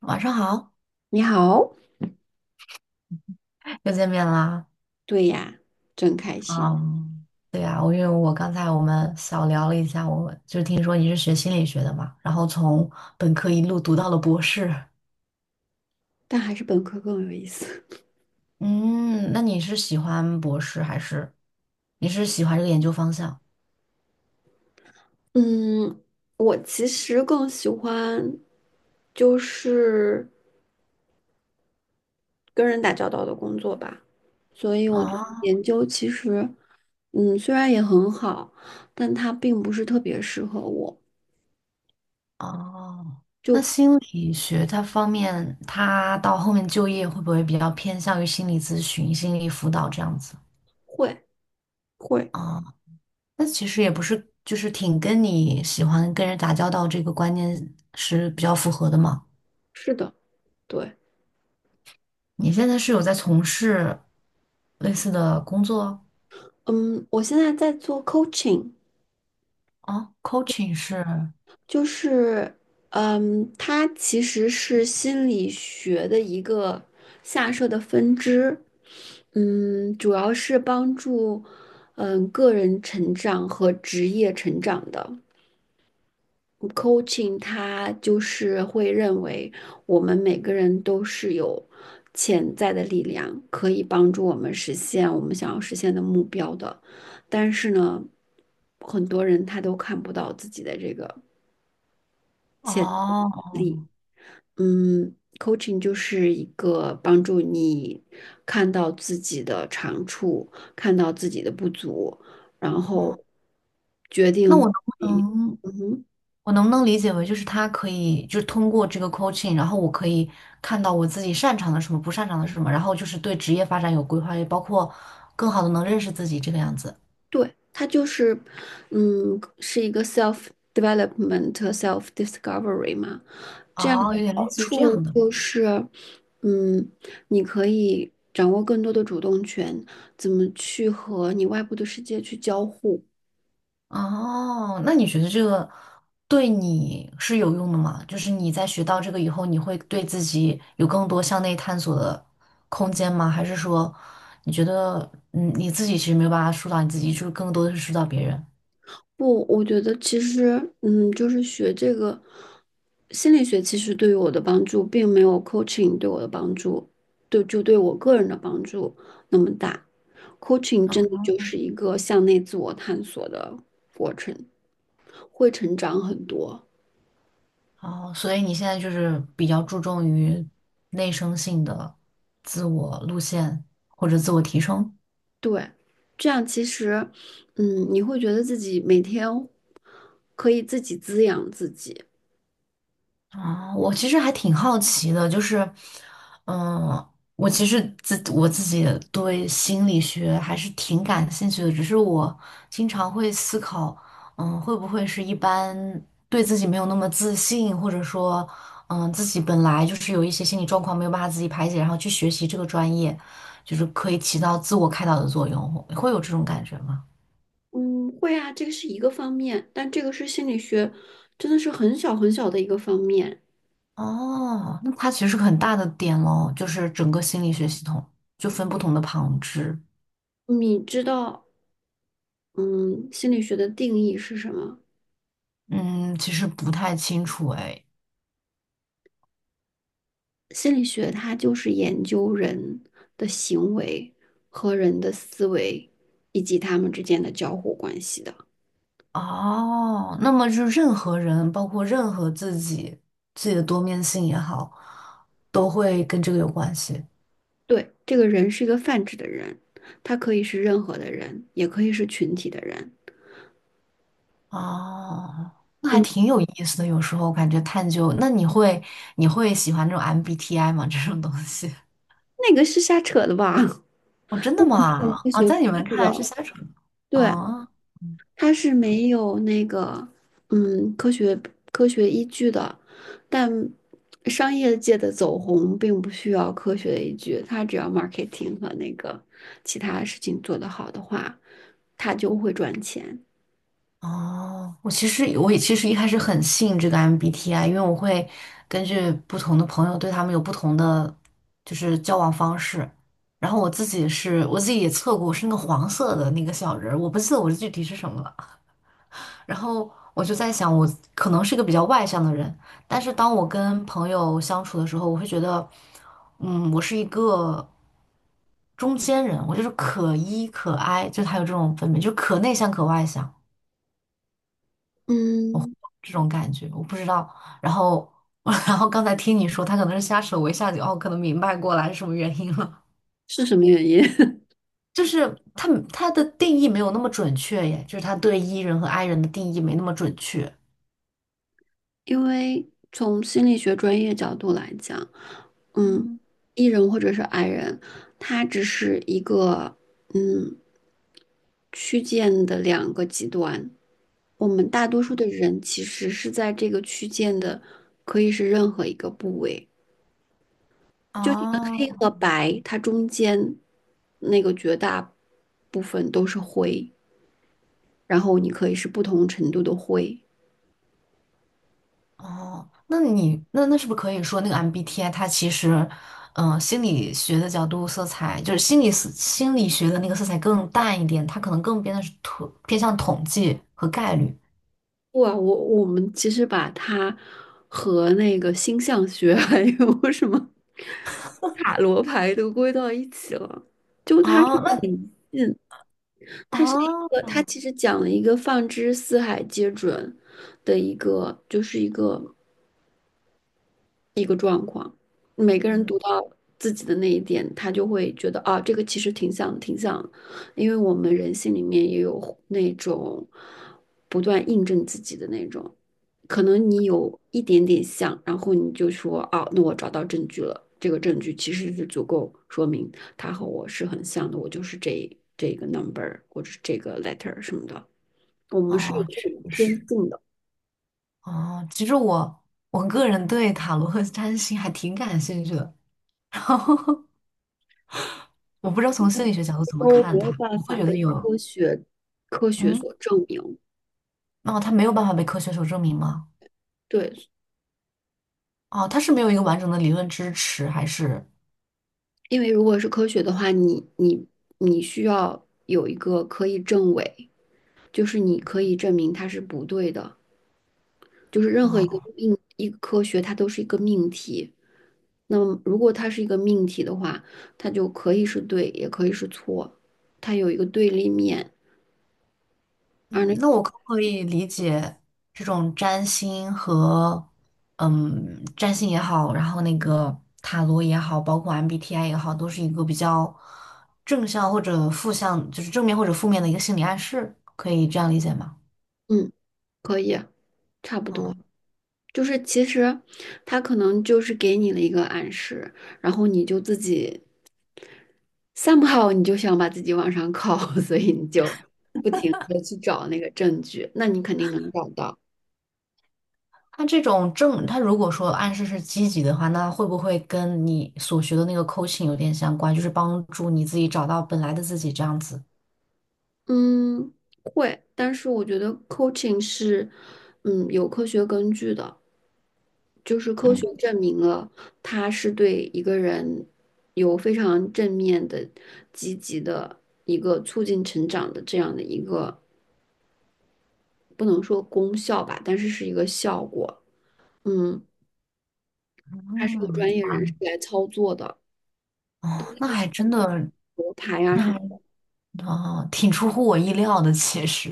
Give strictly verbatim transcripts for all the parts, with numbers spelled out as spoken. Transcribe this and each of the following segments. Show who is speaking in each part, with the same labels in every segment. Speaker 1: 晚上好，
Speaker 2: 你好，
Speaker 1: 又见面啦。
Speaker 2: 对呀，真开心，
Speaker 1: 嗯，对呀，我因为我刚才我们小聊了一下，我就听说你是学心理学的嘛，然后从本科一路读到了博士。
Speaker 2: 但还是本科更有意思。
Speaker 1: 嗯，那你是喜欢博士还是你是喜欢这个研究方向？
Speaker 2: 嗯，我其实更喜欢就是跟人打交道的工作吧，所以我觉得
Speaker 1: 啊？
Speaker 2: 研究其实，嗯，虽然也很好，但它并不是特别适合我。
Speaker 1: 哦，那心理学它方面，它到后面就业会不会比较偏向于心理咨询、心理辅导这样子？
Speaker 2: 会会，
Speaker 1: 啊？那其实也不是，就是挺跟你喜欢跟人打交道这个观念是比较符合的嘛。
Speaker 2: 是的，对，
Speaker 1: 你现在是有在从事类似的工作。
Speaker 2: 嗯，我现在在做 coaching，
Speaker 1: 啊？coaching 是
Speaker 2: 就是，嗯，它其实是心理学的一个下设的分支，嗯，主要是帮助，嗯，个人成长和职业成长的。coaching 它就是会认为我们每个人都是有潜在的力量，可以帮助我们实现我们想要实现的目标的。但是呢，很多人他都看不到自己的这个潜
Speaker 1: 哦，
Speaker 2: 力。嗯，coaching 就是一个帮助你看到自己的长处，看到自己的不足，然
Speaker 1: 嗯，
Speaker 2: 后决
Speaker 1: 那
Speaker 2: 定，
Speaker 1: 我能不能
Speaker 2: 嗯哼，
Speaker 1: 我能不能理解为就是他可以就是通过这个 coaching，然后我可以看到我自己擅长的什么，不擅长的是什么，然后就是对职业发展有规划，也包括更好的能认识自己这个样子。
Speaker 2: 对，它就是，嗯，是一个 self development、self discovery 嘛。这样的
Speaker 1: 哦，有点类
Speaker 2: 好
Speaker 1: 似于这
Speaker 2: 处
Speaker 1: 样的。
Speaker 2: 就是，嗯，你可以掌握更多的主动权，怎么去和你外部的世界去交互。
Speaker 1: 哦，那你觉得这个对你是有用的吗？就是你在学到这个以后，你会对自己有更多向内探索的空间吗？还是说你觉得，嗯，你自己其实没有办法疏导你自己，就是更多的是疏导别人？
Speaker 2: 不，我觉得其实，嗯，就是学这个心理学，其实对于我的帮助，并没有 coaching 对我的帮助，对，就对我个人的帮助那么大。coaching 真的
Speaker 1: 嗯。
Speaker 2: 就是一个向内自我探索的过程，会成长很多。
Speaker 1: 哦，所以你现在就是比较注重于内生性的自我路线或者自我提升。
Speaker 2: 对，这样其实，嗯，你会觉得自己每天可以自己滋养自己。
Speaker 1: 啊，我其实还挺好奇的，就是，嗯，我其实自我自己对心理学还是挺感兴趣的，只是我经常会思考，嗯，会不会是一般对自己没有那么自信，或者说，嗯，自己本来就是有一些心理状况没有办法自己排解，然后去学习这个专业，就是可以起到自我开导的作用，会有这种感觉吗？
Speaker 2: 嗯，会啊，这个是一个方面，但这个是心理学，真的是很小很小的一个方面。
Speaker 1: 哦，那它其实是个很大的点喽，就是整个心理学系统就分不同的旁支。
Speaker 2: 你知道，嗯，心理学的定义是什么？
Speaker 1: 嗯，其实不太清楚哎。
Speaker 2: 心理学它就是研究人的行为和人的思维，以及他们之间的交互关系的。
Speaker 1: 哦，那么就任何人，包括任何自己，自己的多面性也好，都会跟这个有关系。
Speaker 2: 对，这个人是一个泛指的人，他可以是任何的人，也可以是群体的人。
Speaker 1: 哦，那还挺有意思的。有时候感觉探究，那你会你会喜欢这种 M B T I 吗？这种东西？
Speaker 2: 那个是瞎扯的吧？
Speaker 1: 哦，真的吗？
Speaker 2: 科
Speaker 1: 哦，
Speaker 2: 学不
Speaker 1: 在你们
Speaker 2: 是
Speaker 1: 看来是
Speaker 2: 的
Speaker 1: 相处
Speaker 2: 对，
Speaker 1: 哦。
Speaker 2: 它是没有那个嗯科学科学依据的，但商业界的走红并不需要科学的依据，它只要 marketing 和那个其他事情做得好的话，它就会赚钱。
Speaker 1: 哦，我其实我也其实一开始很信这个 M B T I，因为我会根据不同的朋友对他们有不同的就是交往方式。然后我自己是我自己也测过，我是那个黄色的那个小人儿，我不记得我具体是什么了。然后我就在想，我可能是一个比较外向的人，但是当我跟朋友相处的时候，我会觉得，嗯，我是一个中间人，我就是可 E 可 I，就他有这种分别，就可内向可外向。
Speaker 2: 嗯，
Speaker 1: 这种感觉，我不知道。然后，然后刚才听你说，他可能是瞎扯我一下就哦，可能明白过来是什么原因了。
Speaker 2: 是什么原因？
Speaker 1: 就是他他的定义没有那么准确耶，就是他对 E 人和 I 人的定义没那么准确。
Speaker 2: 因为从心理学专业角度来讲，嗯，E 人或者是 I 人，他只是一个嗯。区间的两个极端。我们大多数的人其实是在这个区间的，可以是任何一个部位。黑
Speaker 1: 哦。
Speaker 2: 和白，它中间那个绝大部分都是灰，然后你可以是不同程度的灰。
Speaker 1: 哦，那你那那是不是可以说那个 M B T I 它其实，嗯、心理学的角度色彩就是心理思心理学的那个色彩更淡一点，它可能更偏的是统偏向统计和概率。
Speaker 2: 哇，我我们其实把它和那个星象学 还有什么塔罗牌都归到一起了，就它是。
Speaker 1: 哦，那
Speaker 2: 它是一个，
Speaker 1: 哦。
Speaker 2: 它其实讲了一个放之四海皆准的一个，就是一个一个状况。每个人
Speaker 1: 嗯，
Speaker 2: 读到自己的那一点，他就会觉得啊，这个其实挺像，挺像，因为我们人性里面也有那种不断印证自己的那种，可能你有一点点像，然后你就说啊，那我找到证据了，这个证据其实是足够说明他和我是很像的，我就是这这个 number,或者是这个 letter 什么的。我们是有
Speaker 1: 哦，
Speaker 2: 这种
Speaker 1: 确
Speaker 2: 天
Speaker 1: 实。
Speaker 2: 性的，
Speaker 1: 哦，其实我我个人对塔罗和占星还挺感兴趣的，然后我不知道从心理学角度怎么
Speaker 2: 都
Speaker 1: 看
Speaker 2: 没有
Speaker 1: 它，
Speaker 2: 办
Speaker 1: 我会
Speaker 2: 法
Speaker 1: 觉
Speaker 2: 被
Speaker 1: 得有，
Speaker 2: 科学科学所
Speaker 1: 嗯。
Speaker 2: 证明。
Speaker 1: 哦，它没有办法被科学所证明吗？
Speaker 2: 对，
Speaker 1: 哦，它是没有一个完整的理论支持，还是？
Speaker 2: 因为如果是科学的话，你你你需要有一个可以证伪，就是你可以证明它是不对的。就是任何一个
Speaker 1: 啊？
Speaker 2: 命一个科学，它都是一个命题。那么如果它是一个命题的话，它就可以是对，也可以是错，它有一个对立面。而那
Speaker 1: 嗯，那
Speaker 2: 种
Speaker 1: 我可不可以理解这种占星和嗯，占星也好，然后那个塔罗也好，包括 M B T I 也好，都是一个比较正向或者负向，就是正面或者负面的一个心理暗示，可以这样理解吗？
Speaker 2: 嗯，可以，差不多。
Speaker 1: 啊，
Speaker 2: 就是其实他可能就是给你了一个暗示，然后你就自己 somehow 你就想把自己往上靠，所以你就不停的去找那个证据，那你肯定能找到。
Speaker 1: 它这种正，它如果说暗示是积极的话，那会不会跟你所学的那个 coaching 有点相关，就是帮助你自己找到本来的自己这样子？
Speaker 2: 嗯，会，但是我觉得 coaching 是嗯有科学根据的，就是科学
Speaker 1: 嗯。
Speaker 2: 证明了它是对一个人有非常正面的、积极的一个促进成长的这样的一个不能说功效吧，但是是一个效果。嗯，它是有
Speaker 1: 嗯，
Speaker 2: 专业
Speaker 1: 哇。
Speaker 2: 人士来操作的，
Speaker 1: 哦，那还真的。
Speaker 2: 罗盘呀、什么
Speaker 1: 那。
Speaker 2: 的，
Speaker 1: 哦，挺出乎我意料的，其实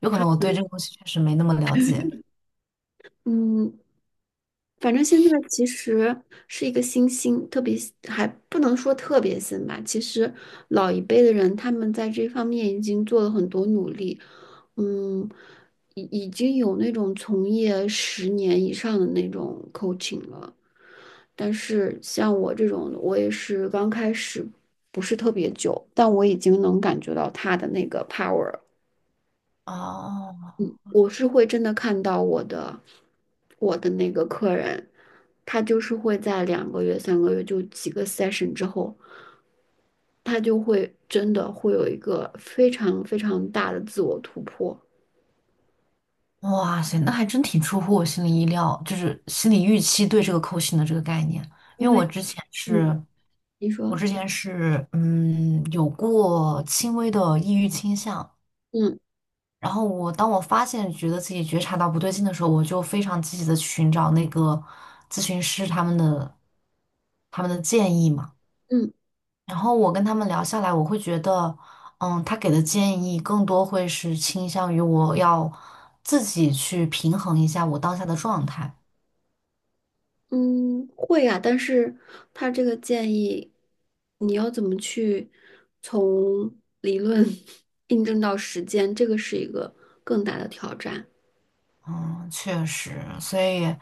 Speaker 1: 有可
Speaker 2: 他
Speaker 1: 能我对
Speaker 2: 们
Speaker 1: 这个东西确实没那么了解。
Speaker 2: 嗯反正现在其实是一个新兴，特别还不能说特别新吧。其实老一辈的人他们在这方面已经做了很多努力，嗯，已已经有那种从业十年以上的那种 coaching 了。但是像我这种，我也是刚开始不是特别久，但我已经能感觉到他的那个 power。
Speaker 1: 哦，
Speaker 2: 嗯，我是会真的看到我的我的那个客人，他就是会在两个月、三个月就几个 session 之后，他就会真的会有一个非常非常大的自我突破。
Speaker 1: 哇塞，那还真挺出乎我心里意料，就是心理预期对这个扣 o 的这个概念，因
Speaker 2: 因
Speaker 1: 为我
Speaker 2: 为，
Speaker 1: 之前
Speaker 2: 嗯，
Speaker 1: 是，
Speaker 2: 你
Speaker 1: 我
Speaker 2: 说，
Speaker 1: 之前是，嗯，有过轻微的抑郁倾向，
Speaker 2: 嗯
Speaker 1: 然后我当我发现觉得自己觉察到不对劲的时候，我就非常积极的寻找那个咨询师他们的他们的建议嘛。
Speaker 2: 嗯
Speaker 1: 然后我跟他们聊下来，我会觉得，嗯，他给的建议更多会是倾向于我要自己去平衡一下我当下的状态。
Speaker 2: 嗯，会啊，但是他这个建议，你要怎么去从理论 印证到实践，这个是一个更大的挑战。
Speaker 1: 嗯，确实，所以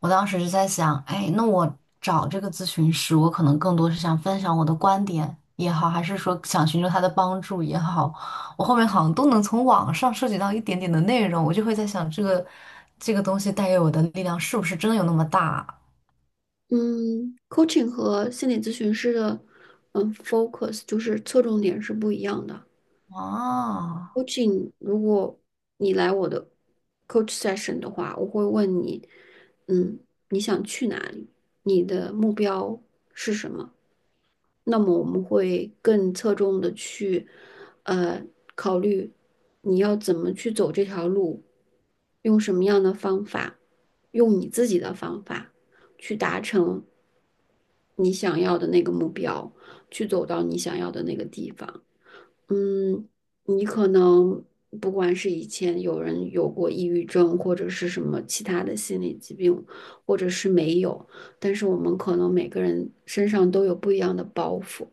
Speaker 1: 我当时就在想，哎，那我找这个咨询师，我可能更多是想分享我的观点也好，还是说想寻求他的帮助也好，我后面好像都能从网上涉及到一点点的内容，我就会在想，这个这个东西带给我的力量是不是真的有那么大。
Speaker 2: 嗯，coaching 和心理咨询师的嗯 focus 就是侧重点是不一样的。
Speaker 1: 啊？啊。
Speaker 2: coaching 如果你来我的 coach session 的话，我会问你，嗯，你想去哪里？你的目标是什么？那么我们会更侧重的去呃考虑你要怎么去走这条路，用什么样的方法，用你自己的方法去达成。你想要的那个目标，去走到你想要的那个地方。嗯，你可能不管是以前有人有过抑郁症，或者是什么其他的心理疾病，或者是没有，但是我们可能每个人身上都有不一样的包袱。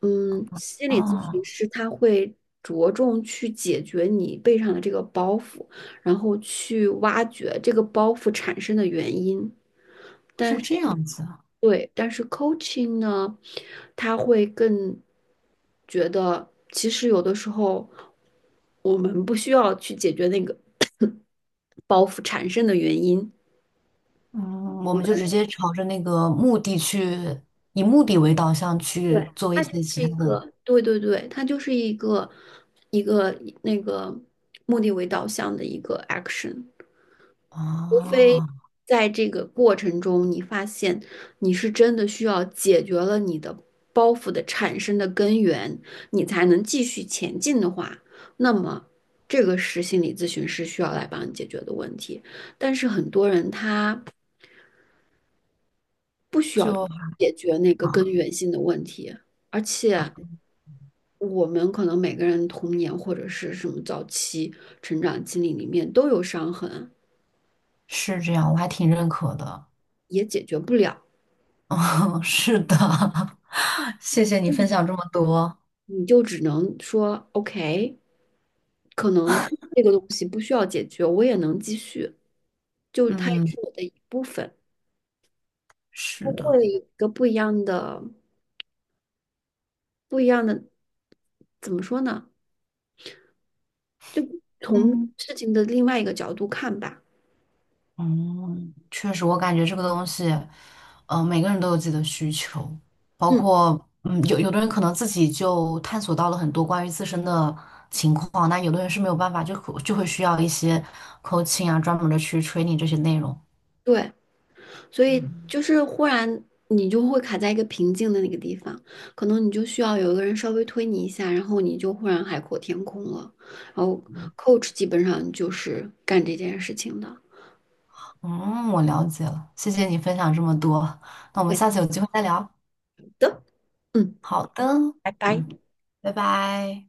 Speaker 2: 嗯，心理咨询
Speaker 1: 哦，
Speaker 2: 师他会着重去解决你背上的这个包袱，然后去挖掘这个包袱产生的原因。但。
Speaker 1: 是这样子啊，
Speaker 2: 对，但是 coaching 呢，他会更觉得，其实有的时候我们不需要去解决那个包袱产生的原因，
Speaker 1: 嗯，我
Speaker 2: 我
Speaker 1: 们
Speaker 2: 们
Speaker 1: 就直接朝着那个目的去，以目的为导向去
Speaker 2: 对，
Speaker 1: 做一
Speaker 2: 它就
Speaker 1: 些其
Speaker 2: 是
Speaker 1: 他
Speaker 2: 一
Speaker 1: 的。
Speaker 2: 个，对对对，它就是一个一个那个目的为导向的一个 action。除非
Speaker 1: 啊，
Speaker 2: 在这个过程中，你发现你是真的需要解决了你的包袱的产生的根源，你才能继续前进的话，那么这个是心理咨询师需要来帮你解决的问题。但是很多人他不需要
Speaker 1: 就
Speaker 2: 解决那个根
Speaker 1: 啊。
Speaker 2: 源性的问题，而
Speaker 1: 啊，
Speaker 2: 且我们可能每个人童年或者是什么早期成长经历里面都有伤痕，
Speaker 1: 是这样，我还挺认可的，
Speaker 2: 也解决不了。
Speaker 1: 嗯，是的，谢谢你分享这么多，
Speaker 2: 你就只能说 OK,可能这个东西不需要解决，我也能继续，就它也
Speaker 1: 嗯，
Speaker 2: 是我的一部分，它
Speaker 1: 是的，
Speaker 2: 会有一个不一样的、不一样的，怎么说呢？就从
Speaker 1: 嗯。
Speaker 2: 事情的另外一个角度看吧。
Speaker 1: 嗯，确实，我感觉这个东西，呃，每个人都有自己的需求，包
Speaker 2: 嗯，
Speaker 1: 括，嗯，有有的人可能自己就探索到了很多关于自身的情况，那有的人是没有办法，就可就会需要一些 coaching 啊，专门的去 training 这些内容。
Speaker 2: 对。所以就是忽然你就会卡在一个瓶颈的那个地方，可能你就需要有一个人稍微推你一下，然后你就忽然海阔天空了。然后 coach 基本上就是干这件事情的。
Speaker 1: 嗯，我了解了，谢谢你分享这么多，那我们
Speaker 2: 对
Speaker 1: 下次有机会再聊。
Speaker 2: 的，嗯。
Speaker 1: 好的，
Speaker 2: 拜拜。
Speaker 1: 嗯，拜拜。